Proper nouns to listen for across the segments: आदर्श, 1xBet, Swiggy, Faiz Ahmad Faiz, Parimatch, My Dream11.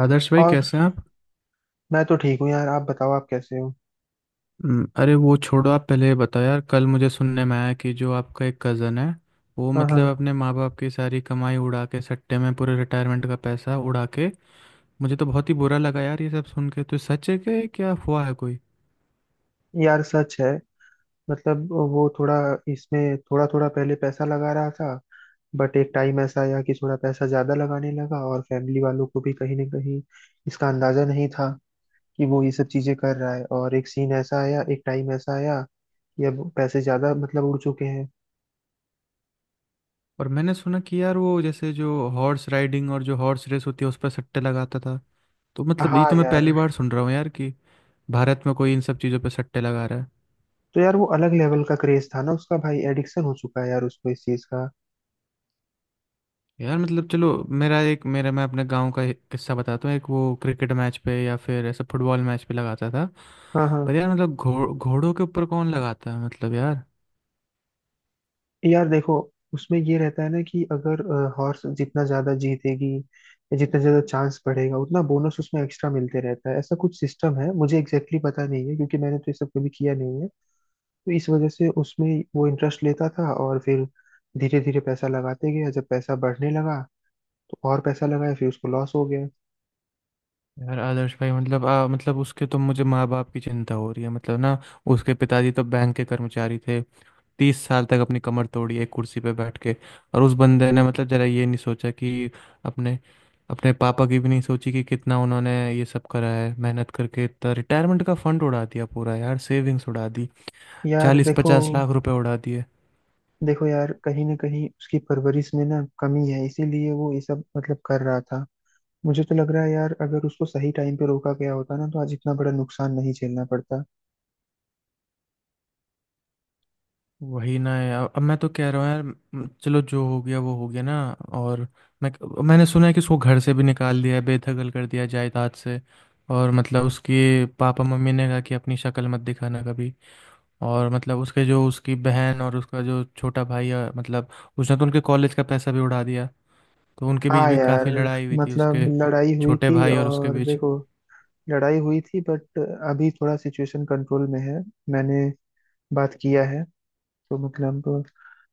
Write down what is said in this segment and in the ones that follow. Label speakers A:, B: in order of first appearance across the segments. A: आदर्श भाई,
B: और
A: कैसे हैं आप?
B: मैं तो ठीक हूँ यार। आप बताओ, आप कैसे हो।
A: हम्म। अरे, वो छोड़ो, आप पहले ये बताओ, यार कल मुझे सुनने में आया कि जो आपका एक कज़न है, वो
B: हाँ
A: मतलब
B: हाँ,
A: अपने माँ बाप की सारी कमाई उड़ा के सट्टे में पूरे रिटायरमेंट का पैसा उड़ा के, मुझे तो बहुत ही बुरा लगा यार ये सब सुन के। तो सच है? कि क्या हुआ है कोई?
B: यार सच है। मतलब वो थोड़ा, इसमें थोड़ा थोड़ा पहले पैसा लगा रहा था। बट एक टाइम ऐसा आया कि थोड़ा पैसा ज्यादा लगाने लगा, और फैमिली वालों को भी कहीं ना कहीं इसका अंदाजा नहीं था कि वो ये सब चीजें कर रहा है। और एक सीन ऐसा आया, एक टाइम ऐसा आया कि अब पैसे ज्यादा मतलब उड़ चुके हैं।
A: और मैंने सुना कि यार वो जैसे जो हॉर्स राइडिंग और जो हॉर्स रेस होती है उस पर सट्टे लगाता था। तो मतलब ये
B: हाँ
A: तो मैं पहली
B: यार।
A: बार सुन रहा हूँ यार कि भारत में कोई इन सब चीज़ों पर सट्टे लगा रहा है।
B: तो यार वो अलग लेवल का क्रेज था ना उसका। भाई एडिक्शन हो चुका है यार उसको इस चीज का।
A: यार मतलब चलो, मेरा एक मेरा मैं अपने गांव का एक किस्सा बताता हूँ। एक वो क्रिकेट मैच पे या फिर ऐसा फुटबॉल मैच पे लगाता था।
B: हाँ
A: पर
B: हाँ।
A: यार मतलब घोड़ों के ऊपर कौन लगाता है? मतलब यार।
B: यार देखो, उसमें ये रहता है ना कि अगर हॉर्स जितना ज्यादा जीतेगी या जितना ज्यादा चांस बढ़ेगा उतना बोनस उसमें एक्स्ट्रा मिलते रहता है। ऐसा कुछ सिस्टम है, मुझे एग्जैक्टली exactly पता नहीं है क्योंकि मैंने तो ये सब कभी किया नहीं है। तो इस वजह से उसमें वो इंटरेस्ट लेता था, और फिर धीरे धीरे पैसा लगाते गया। जब पैसा बढ़ने लगा तो और पैसा लगाया, फिर उसको लॉस हो गया।
A: यार आदर्श भाई, मतलब मतलब उसके तो मुझे माँ बाप की चिंता हो रही है मतलब ना। उसके पिताजी तो बैंक के कर्मचारी थे, 30 साल तक अपनी कमर तोड़ी एक कुर्सी पे बैठ के। और उस बंदे ने मतलब जरा ये नहीं सोचा कि अपने अपने पापा की भी नहीं सोची कि कितना उन्होंने ये सब करा है मेहनत करके। इतना रिटायरमेंट का फंड उड़ा दिया पूरा यार, सेविंग्स उड़ा दी,
B: यार
A: चालीस
B: देखो।
A: पचास लाख रुपए उड़ा दिए।
B: देखो यार, कहीं ना कहीं उसकी परवरिश में ना कमी है, इसीलिए वो ये सब मतलब कर रहा था। मुझे तो लग रहा है यार, अगर उसको सही टाइम पे रोका गया होता ना तो आज इतना बड़ा नुकसान नहीं झेलना पड़ता।
A: वही ना यार, अब मैं तो कह रहा हूँ यार, चलो जो हो गया वो हो गया ना। और मैं मैंने सुना है कि उसको घर से भी निकाल दिया है, बेदखल कर दिया है जायदाद से। और मतलब उसके पापा मम्मी ने कहा कि अपनी शक्ल मत दिखाना कभी। और मतलब उसके जो उसकी बहन और उसका जो छोटा भाई है मतलब, उसने तो उनके कॉलेज का पैसा भी उड़ा दिया। तो उनके बीच
B: हाँ
A: भी
B: यार,
A: काफ़ी लड़ाई हुई थी,
B: मतलब
A: उसके
B: लड़ाई हुई
A: छोटे
B: थी।
A: भाई और उसके
B: और
A: बीच।
B: देखो, लड़ाई हुई थी बट अभी थोड़ा सिचुएशन कंट्रोल में है। मैंने बात किया है, तो मतलब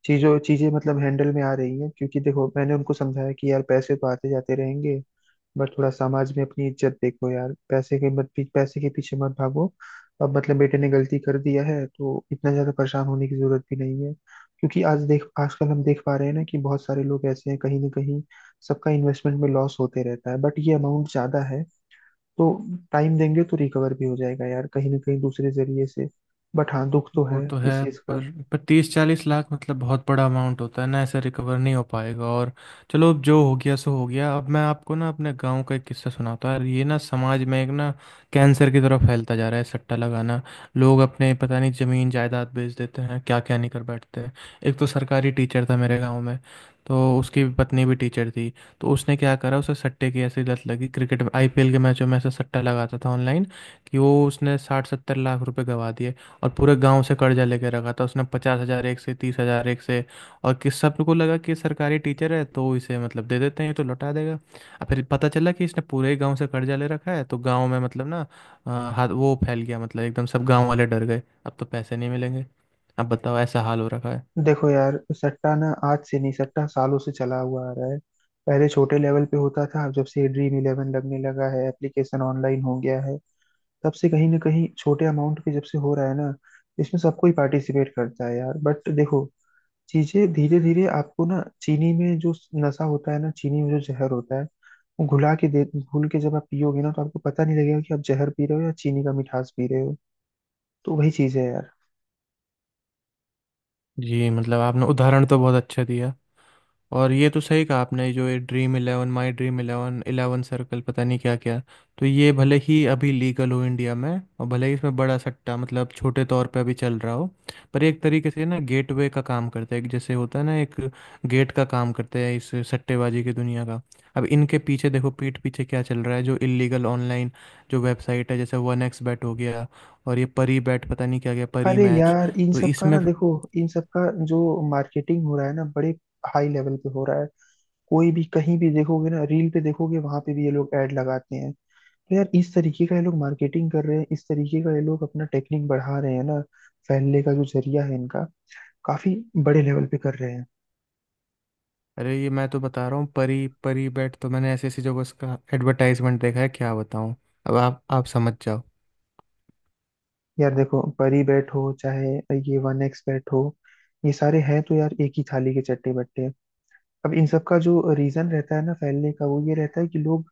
B: चीजों चीजें मतलब हैंडल में आ रही हैं। क्योंकि देखो, मैंने उनको समझाया कि यार पैसे तो आते जाते रहेंगे, बट थोड़ा समाज में अपनी इज्जत देखो यार। पैसे के मत, पैसे के पीछे मत भागो। अब मतलब बेटे ने गलती कर दिया है तो इतना ज्यादा परेशान होने की जरूरत भी नहीं है। क्योंकि आज देख, आजकल हम देख पा रहे हैं ना कि बहुत सारे लोग ऐसे हैं कहीं ना कहीं, सबका इन्वेस्टमेंट में लॉस होते रहता है। बट ये अमाउंट ज्यादा है, तो टाइम देंगे तो रिकवर भी हो जाएगा यार, कहीं ना कहीं दूसरे जरिए से। बट हाँ, दुख तो
A: वो
B: है
A: तो है।
B: इस चीज।
A: पर 30-40 लाख मतलब बहुत बड़ा अमाउंट होता है ना, ऐसे रिकवर नहीं हो पाएगा। और चलो, अब जो हो गया सो हो गया। अब मैं आपको ना अपने गांव का एक किस्सा सुनाता हूँ। ये ना समाज में एक ना कैंसर की तरफ फैलता जा रहा है सट्टा लगाना। लोग अपने पता नहीं जमीन जायदाद बेच देते हैं, क्या क्या नहीं कर बैठते हैं। एक तो सरकारी टीचर था मेरे गाँव में, तो उसकी पत्नी भी टीचर थी। तो उसने क्या करा, उसे सट्टे की ऐसी लत लगी, क्रिकेट आईपीएल के मैचों में ऐसा सट्टा लगाता था ऑनलाइन कि वो उसने 60-70 लाख रुपए गवा दिए। और पूरे गांव से कर्जा लेके रखा था उसने, 50 हज़ार एक से, 30 हज़ार एक से। और किस सबको लगा कि सरकारी टीचर है तो इसे मतलब दे देते हैं, ये तो लौटा देगा। और फिर पता चला कि इसने पूरे ही गांव से कर्जा ले रखा है, तो गांव में मतलब ना, हाथ वो फैल गया मतलब, एकदम सब गांव वाले डर गए, अब तो पैसे नहीं मिलेंगे। अब बताओ, ऐसा हाल हो रखा है।
B: देखो यार सट्टा ना आज से नहीं, सट्टा सालों से चला हुआ आ रहा है। पहले छोटे लेवल पे होता था, अब जब से ड्रीम इलेवन लगने लगा है, एप्लीकेशन ऑनलाइन हो गया है, तब से कहीं ना कहीं छोटे अमाउंट पे जब से हो रहा है ना, इसमें सबको ही पार्टिसिपेट करता है यार। बट देखो, चीजें धीरे धीरे आपको ना, चीनी में जो नशा होता है ना, चीनी में जो जहर होता है, वो घुला के दे, घुल के जब आप पियोगे ना तो आपको पता नहीं लगेगा कि आप जहर पी रहे हो या चीनी का मिठास पी रहे हो। तो वही चीज है यार।
A: जी मतलब आपने उदाहरण तो बहुत अच्छा दिया। और ये तो सही कहा आपने, जो ये Dream Eleven, My Dream Eleven, Eleven Circle, पता नहीं क्या क्या। तो ये भले ही अभी लीगल हो इंडिया में, और भले ही इसमें बड़ा सट्टा मतलब छोटे तौर पे अभी चल रहा हो, पर ये एक तरीके से ना गेटवे का काम करता है। एक जैसे होता है ना एक गेट का काम करता है, इस सट्टेबाजी की दुनिया का। अब इनके पीछे देखो, पीठ पीछे क्या चल रहा है, जो इलीगल ऑनलाइन जो वेबसाइट है, जैसे वन एक्स बैट हो गया, और ये परी बैट, पता नहीं क्या गया, परी
B: अरे
A: मैच।
B: यार इन
A: तो
B: सब का
A: इसमें,
B: ना देखो, इन सब का जो मार्केटिंग हो रहा है ना, बड़े हाई लेवल पे हो रहा है। कोई भी कहीं भी देखोगे ना, रील पे देखोगे वहां पे भी ये लोग ऐड लगाते हैं। तो यार इस तरीके का ये लोग मार्केटिंग कर रहे हैं, इस तरीके का ये लोग अपना टेक्निक बढ़ा रहे हैं ना, फैलने का जो जरिया है इनका, काफी बड़े लेवल पे कर रहे हैं।
A: अरे ये मैं तो बता रहा हूँ, परी परी बेट, तो मैंने ऐसी ऐसी जगह उसका एडवर्टाइजमेंट देखा है, क्या बताऊँ। अब आप समझ जाओ।
B: यार देखो, परी बैट हो चाहे ये वन एक्स बैट हो, ये सारे हैं तो यार एक ही थाली के चट्टे बट्टे। अब इन सब का जो रीजन रहता है ना फैलने का, वो ये रहता है कि लोग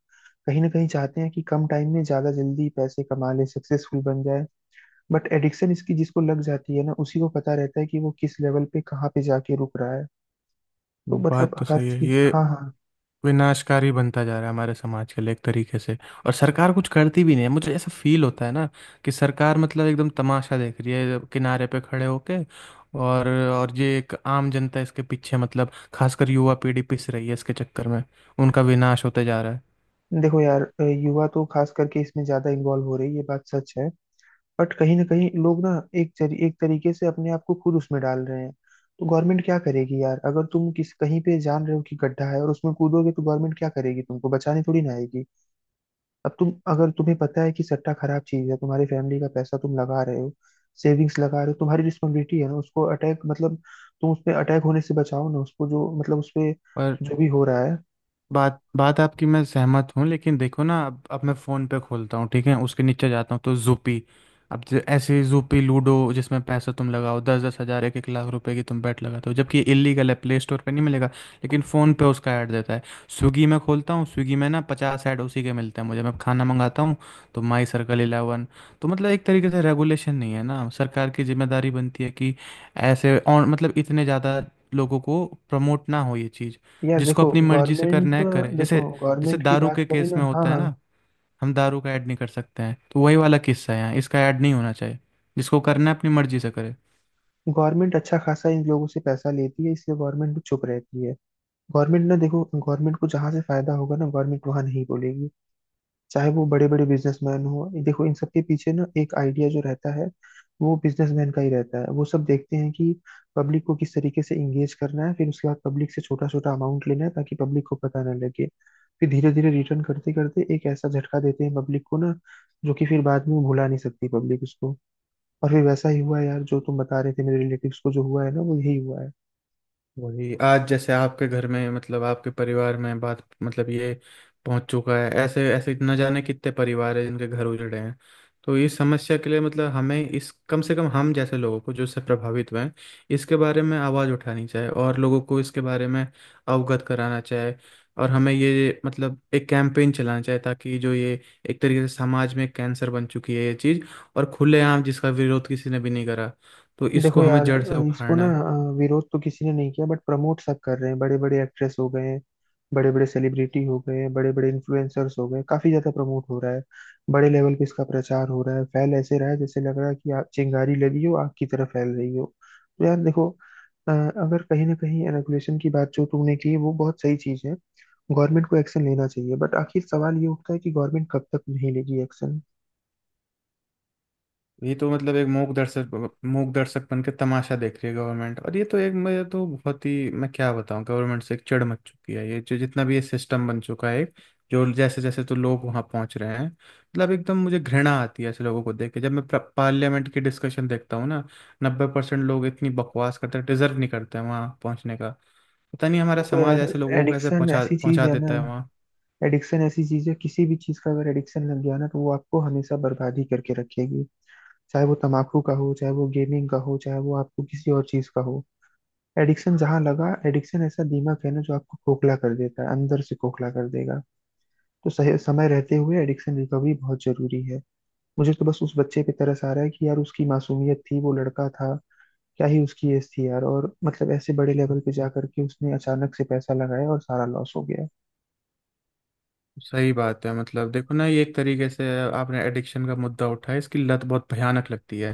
B: कहीं ना कहीं चाहते हैं कि कम टाइम में ज्यादा जल्दी पैसे कमा ले, सक्सेसफुल बन जाए। बट एडिक्शन इसकी जिसको लग जाती है ना, उसी को पता रहता है कि वो किस लेवल पे कहाँ पे जाके रुक रहा है। तो मतलब
A: बात तो
B: हर
A: सही है,
B: चीज।
A: ये
B: हाँ हाँ।
A: विनाशकारी बनता जा रहा है हमारे समाज के लिए एक तरीके से। और सरकार कुछ करती भी नहीं है, मुझे ऐसा फील होता है ना, कि सरकार मतलब एकदम तमाशा देख रही है किनारे पे खड़े होके। और ये एक आम जनता इसके पीछे मतलब, खासकर युवा पीढ़ी पिस रही है इसके चक्कर में, उनका विनाश होते जा रहा
B: देखो यार, युवा तो खास करके इसमें ज्यादा इन्वॉल्व हो रही है, ये बात सच है। बट कहीं ना कहीं लोग ना एक तरीके से अपने आप को खुद उसमें डाल रहे हैं। तो गवर्नमेंट क्या करेगी यार, अगर तुम किस कहीं पे जान रहे हो कि गड्ढा है और उसमें कूदोगे तो गवर्नमेंट क्या करेगी, तुमको बचाने थोड़ी ना आएगी। अब तुम, अगर तुम्हें पता है कि सट्टा खराब चीज है, तुम्हारी फैमिली का पैसा तुम लगा रहे हो, सेविंग्स लगा रहे हो, तुम्हारी रिस्पॉन्सिबिलिटी है ना उसको अटैक, मतलब तुम उस पे अटैक होने से बचाओ ना उसको, जो मतलब उस पे
A: है।
B: जो भी हो रहा है।
A: बात बात आपकी मैं सहमत हूँ, लेकिन देखो ना, अब मैं फ़ोन पे खोलता हूँ, ठीक है, उसके नीचे जाता हूँ तो जूपी, अब ऐसे जूपी लूडो जिसमें पैसा तुम लगाओ, 10-10 हज़ार, 1-1 लाख रुपए की तुम बैट लगाते हो, जबकि ये इलीगल है, प्ले स्टोर पे नहीं मिलेगा, लेकिन फ़ोन पे उसका ऐड देता है। स्विगी में खोलता हूँ, स्विगी में ना 50 ऐड उसी के मिलते हैं मुझे, मैं खाना मंगाता हूँ। तो माई सर्कल इलेवन, तो मतलब एक तरीके से रेगुलेशन नहीं है ना, सरकार की जिम्मेदारी बनती है कि ऐसे और मतलब इतने ज़्यादा लोगों को प्रमोट ना हो ये चीज़।
B: यार
A: जिसको
B: देखो
A: अपनी मर्जी से करना
B: गवर्नमेंट,
A: है करे, जैसे
B: देखो
A: जैसे
B: गवर्नमेंट की
A: दारू
B: बात
A: के
B: करें
A: केस में
B: ना। हाँ
A: होता है
B: हाँ।
A: ना, हम दारू का ऐड नहीं कर सकते हैं, तो वही वाला किस्सा है, यहाँ इसका ऐड नहीं होना चाहिए। जिसको करना है अपनी मर्जी से करे।
B: गवर्नमेंट अच्छा खासा इन लोगों से पैसा लेती है, इसलिए गवर्नमेंट भी चुप रहती है। गवर्नमेंट ना, देखो गवर्नमेंट को जहां से फायदा होगा ना, गवर्नमेंट वहां नहीं बोलेगी। चाहे वो बड़े बड़े बिजनेसमैन हो, देखो इन सबके पीछे ना एक आइडिया जो रहता है, वो बिजनेसमैन का ही रहता है। वो सब देखते हैं कि पब्लिक को किस तरीके से इंगेज करना है, फिर उसके बाद पब्लिक से छोटा छोटा अमाउंट लेना है ताकि पब्लिक को पता ना लगे। फिर धीरे धीरे रिटर्न करते करते एक ऐसा झटका देते हैं पब्लिक को ना, जो कि फिर बाद में वो भुला नहीं सकती पब्लिक उसको। और फिर वैसा ही हुआ यार, जो तुम बता रहे थे मेरे रिलेटिव्स को जो हुआ है ना, वो यही हुआ है।
A: वही आज जैसे आपके घर में मतलब आपके परिवार में बात मतलब ये पहुंच चुका है, ऐसे ऐसे न जाने कितने परिवार है जिनके घर उजड़े हैं। तो इस समस्या के लिए मतलब हमें इस, कम से कम हम जैसे लोगों को जो इससे प्रभावित हुए हैं, इसके बारे में आवाज़ उठानी चाहिए, और लोगों को इसके बारे में अवगत कराना चाहिए। और हमें ये मतलब एक कैंपेन चलाना चाहिए, ताकि जो ये एक तरीके से समाज में कैंसर बन चुकी है ये चीज़, और खुलेआम जिसका विरोध किसी ने भी नहीं करा, तो
B: देखो
A: इसको हमें
B: यार,
A: जड़ से
B: इसको ना
A: उखाड़ना है।
B: विरोध तो किसी ने नहीं किया बट प्रमोट सब कर रहे हैं। बड़े बड़े एक्ट्रेस हो गए हैं, बड़े बड़े सेलिब्रिटी हो गए हैं, बड़े बड़े इन्फ्लुएंसर्स हो गए हैं, काफी ज्यादा प्रमोट हो रहा है। बड़े लेवल पे इसका प्रचार हो रहा है, फैल ऐसे रहा है जैसे लग रहा है कि चिंगारी लगी हो, आग की तरह फैल रही हो। तो यार देखो, अगर कहीं ना कहीं रेगुलेशन की बात जो तुमने की वो बहुत सही चीज है। गवर्नमेंट को एक्शन लेना चाहिए, बट आखिर सवाल ये उठता है कि गवर्नमेंट कब तक नहीं लेगी एक्शन।
A: ये तो मतलब एक मूक दर्शक, मूक दर्शक बन के तमाशा देख रही है गवर्नमेंट। और ये तो एक, मैं तो बहुत ही, मैं क्या बताऊं, गवर्नमेंट से एक चिढ़ मच चुकी है, ये जो जितना भी ये सिस्टम बन चुका है। जो जैसे जैसे तो लोग वहां पहुंच रहे हैं मतलब, एकदम मुझे घृणा आती है ऐसे लोगों को देख के, जब मैं पार्लियामेंट की डिस्कशन देखता हूँ ना, 90% लोग इतनी बकवास करते हैं, डिजर्व नहीं करते हैं वहां पहुंचने का। पता नहीं हमारा
B: देखो
A: समाज
B: यार
A: ऐसे लोगों को कैसे
B: एडिक्शन
A: पहुंचा
B: ऐसी चीज
A: पहुंचा
B: है ना,
A: देता है।
B: एडिक्शन ऐसी चीज है, किसी भी चीज का अगर एडिक्शन लग गया ना तो वो आपको हमेशा बर्बादी करके रखेगी। चाहे वो तंबाकू का हो, चाहे वो गेमिंग का हो, चाहे वो आपको किसी और चीज का हो। एडिक्शन जहां लगा, एडिक्शन ऐसा दिमाग है ना जो आपको खोखला कर देता है, अंदर से खोखला कर देगा। तो सही समय रहते हुए एडिक्शन रिकवरी बहुत जरूरी है। मुझे तो बस उस बच्चे पे तरस आ रहा है कि यार उसकी मासूमियत थी, वो लड़का था, क्या ही उसकी एज थी यार। और मतलब ऐसे बड़े लेवल पे जा करके उसने अचानक से पैसा लगाया और सारा लॉस हो गया।
A: सही बात है, मतलब देखो ना, ये एक तरीके से, आपने एडिक्शन का मुद्दा उठाया, इसकी लत बहुत भयानक लगती है।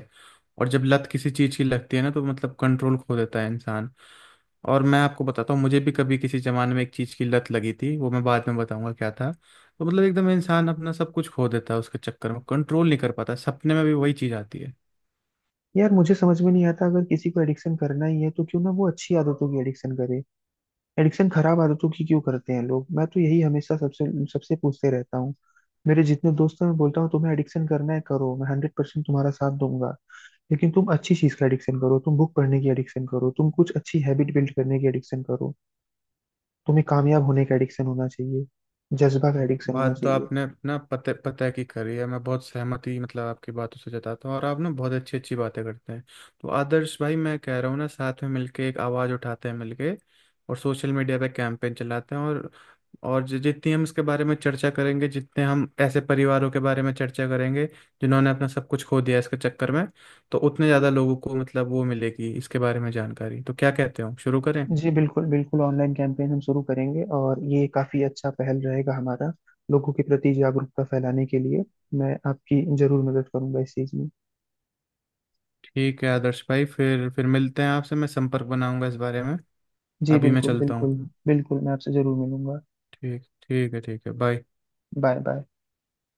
A: और जब लत किसी चीज़ की लगती है ना, तो मतलब कंट्रोल खो देता है इंसान। और मैं आपको बताता हूँ, मुझे भी कभी किसी ज़माने में एक चीज़ की लत लगी थी, वो मैं बाद में बताऊंगा क्या था। तो मतलब एकदम इंसान अपना सब कुछ खो देता है उसके चक्कर में, कंट्रोल नहीं कर पाता, सपने में भी वही चीज़ आती है।
B: यार मुझे समझ में नहीं आता, अगर किसी को एडिक्शन करना ही है तो क्यों ना वो अच्छी आदतों की एडिक्शन करे। एडिक्शन खराब आदतों की क्यों करते हैं लोग, मैं तो यही हमेशा सबसे सबसे पूछते रहता हूँ। मेरे जितने दोस्त हैं मैं बोलता हूँ तुम्हें एडिक्शन करना है करो, मैं 100% तुम्हारा साथ दूंगा। लेकिन तुम अच्छी चीज का एडिक्शन करो, तुम बुक पढ़ने की एडिक्शन करो, तुम कुछ अच्छी हैबिट बिल्ड करने की एडिक्शन करो। तुम्हें कामयाब होने का एडिक्शन होना चाहिए, जज्बा का एडिक्शन होना
A: बात तो
B: चाहिए।
A: आपने अपना पते पते की करी है, मैं बहुत सहमति मतलब आपकी बातों से जताता हूँ, और आप ना बहुत अच्छी अच्छी बातें करते हैं। तो आदर्श भाई, मैं कह रहा हूँ ना, साथ में मिलके एक आवाज़ उठाते हैं मिलके, और सोशल मीडिया पे कैंपेन चलाते हैं, और जितनी हम इसके बारे में चर्चा करेंगे, जितने हम ऐसे परिवारों के बारे में चर्चा करेंगे जिन्होंने अपना सब कुछ खो दिया इसके चक्कर में, तो उतने ज़्यादा लोगों को मतलब वो मिलेगी इसके बारे में जानकारी। तो क्या कहते हो, शुरू करें?
B: जी बिल्कुल बिल्कुल, ऑनलाइन कैंपेन हम शुरू करेंगे और ये काफी अच्छा पहल रहेगा हमारा, लोगों के प्रति जागरूकता फैलाने के लिए। मैं आपकी जरूर मदद करूंगा इस चीज में।
A: ठीक है आदर्श भाई, फिर मिलते हैं आपसे, मैं संपर्क बनाऊंगा इस बारे में।
B: जी
A: अभी मैं
B: बिल्कुल
A: चलता हूँ।
B: बिल्कुल। बिल्कुल, मैं आपसे जरूर मिलूंगा।
A: ठीक, ठीक है। ठीक है। बाय।
B: Bye bye.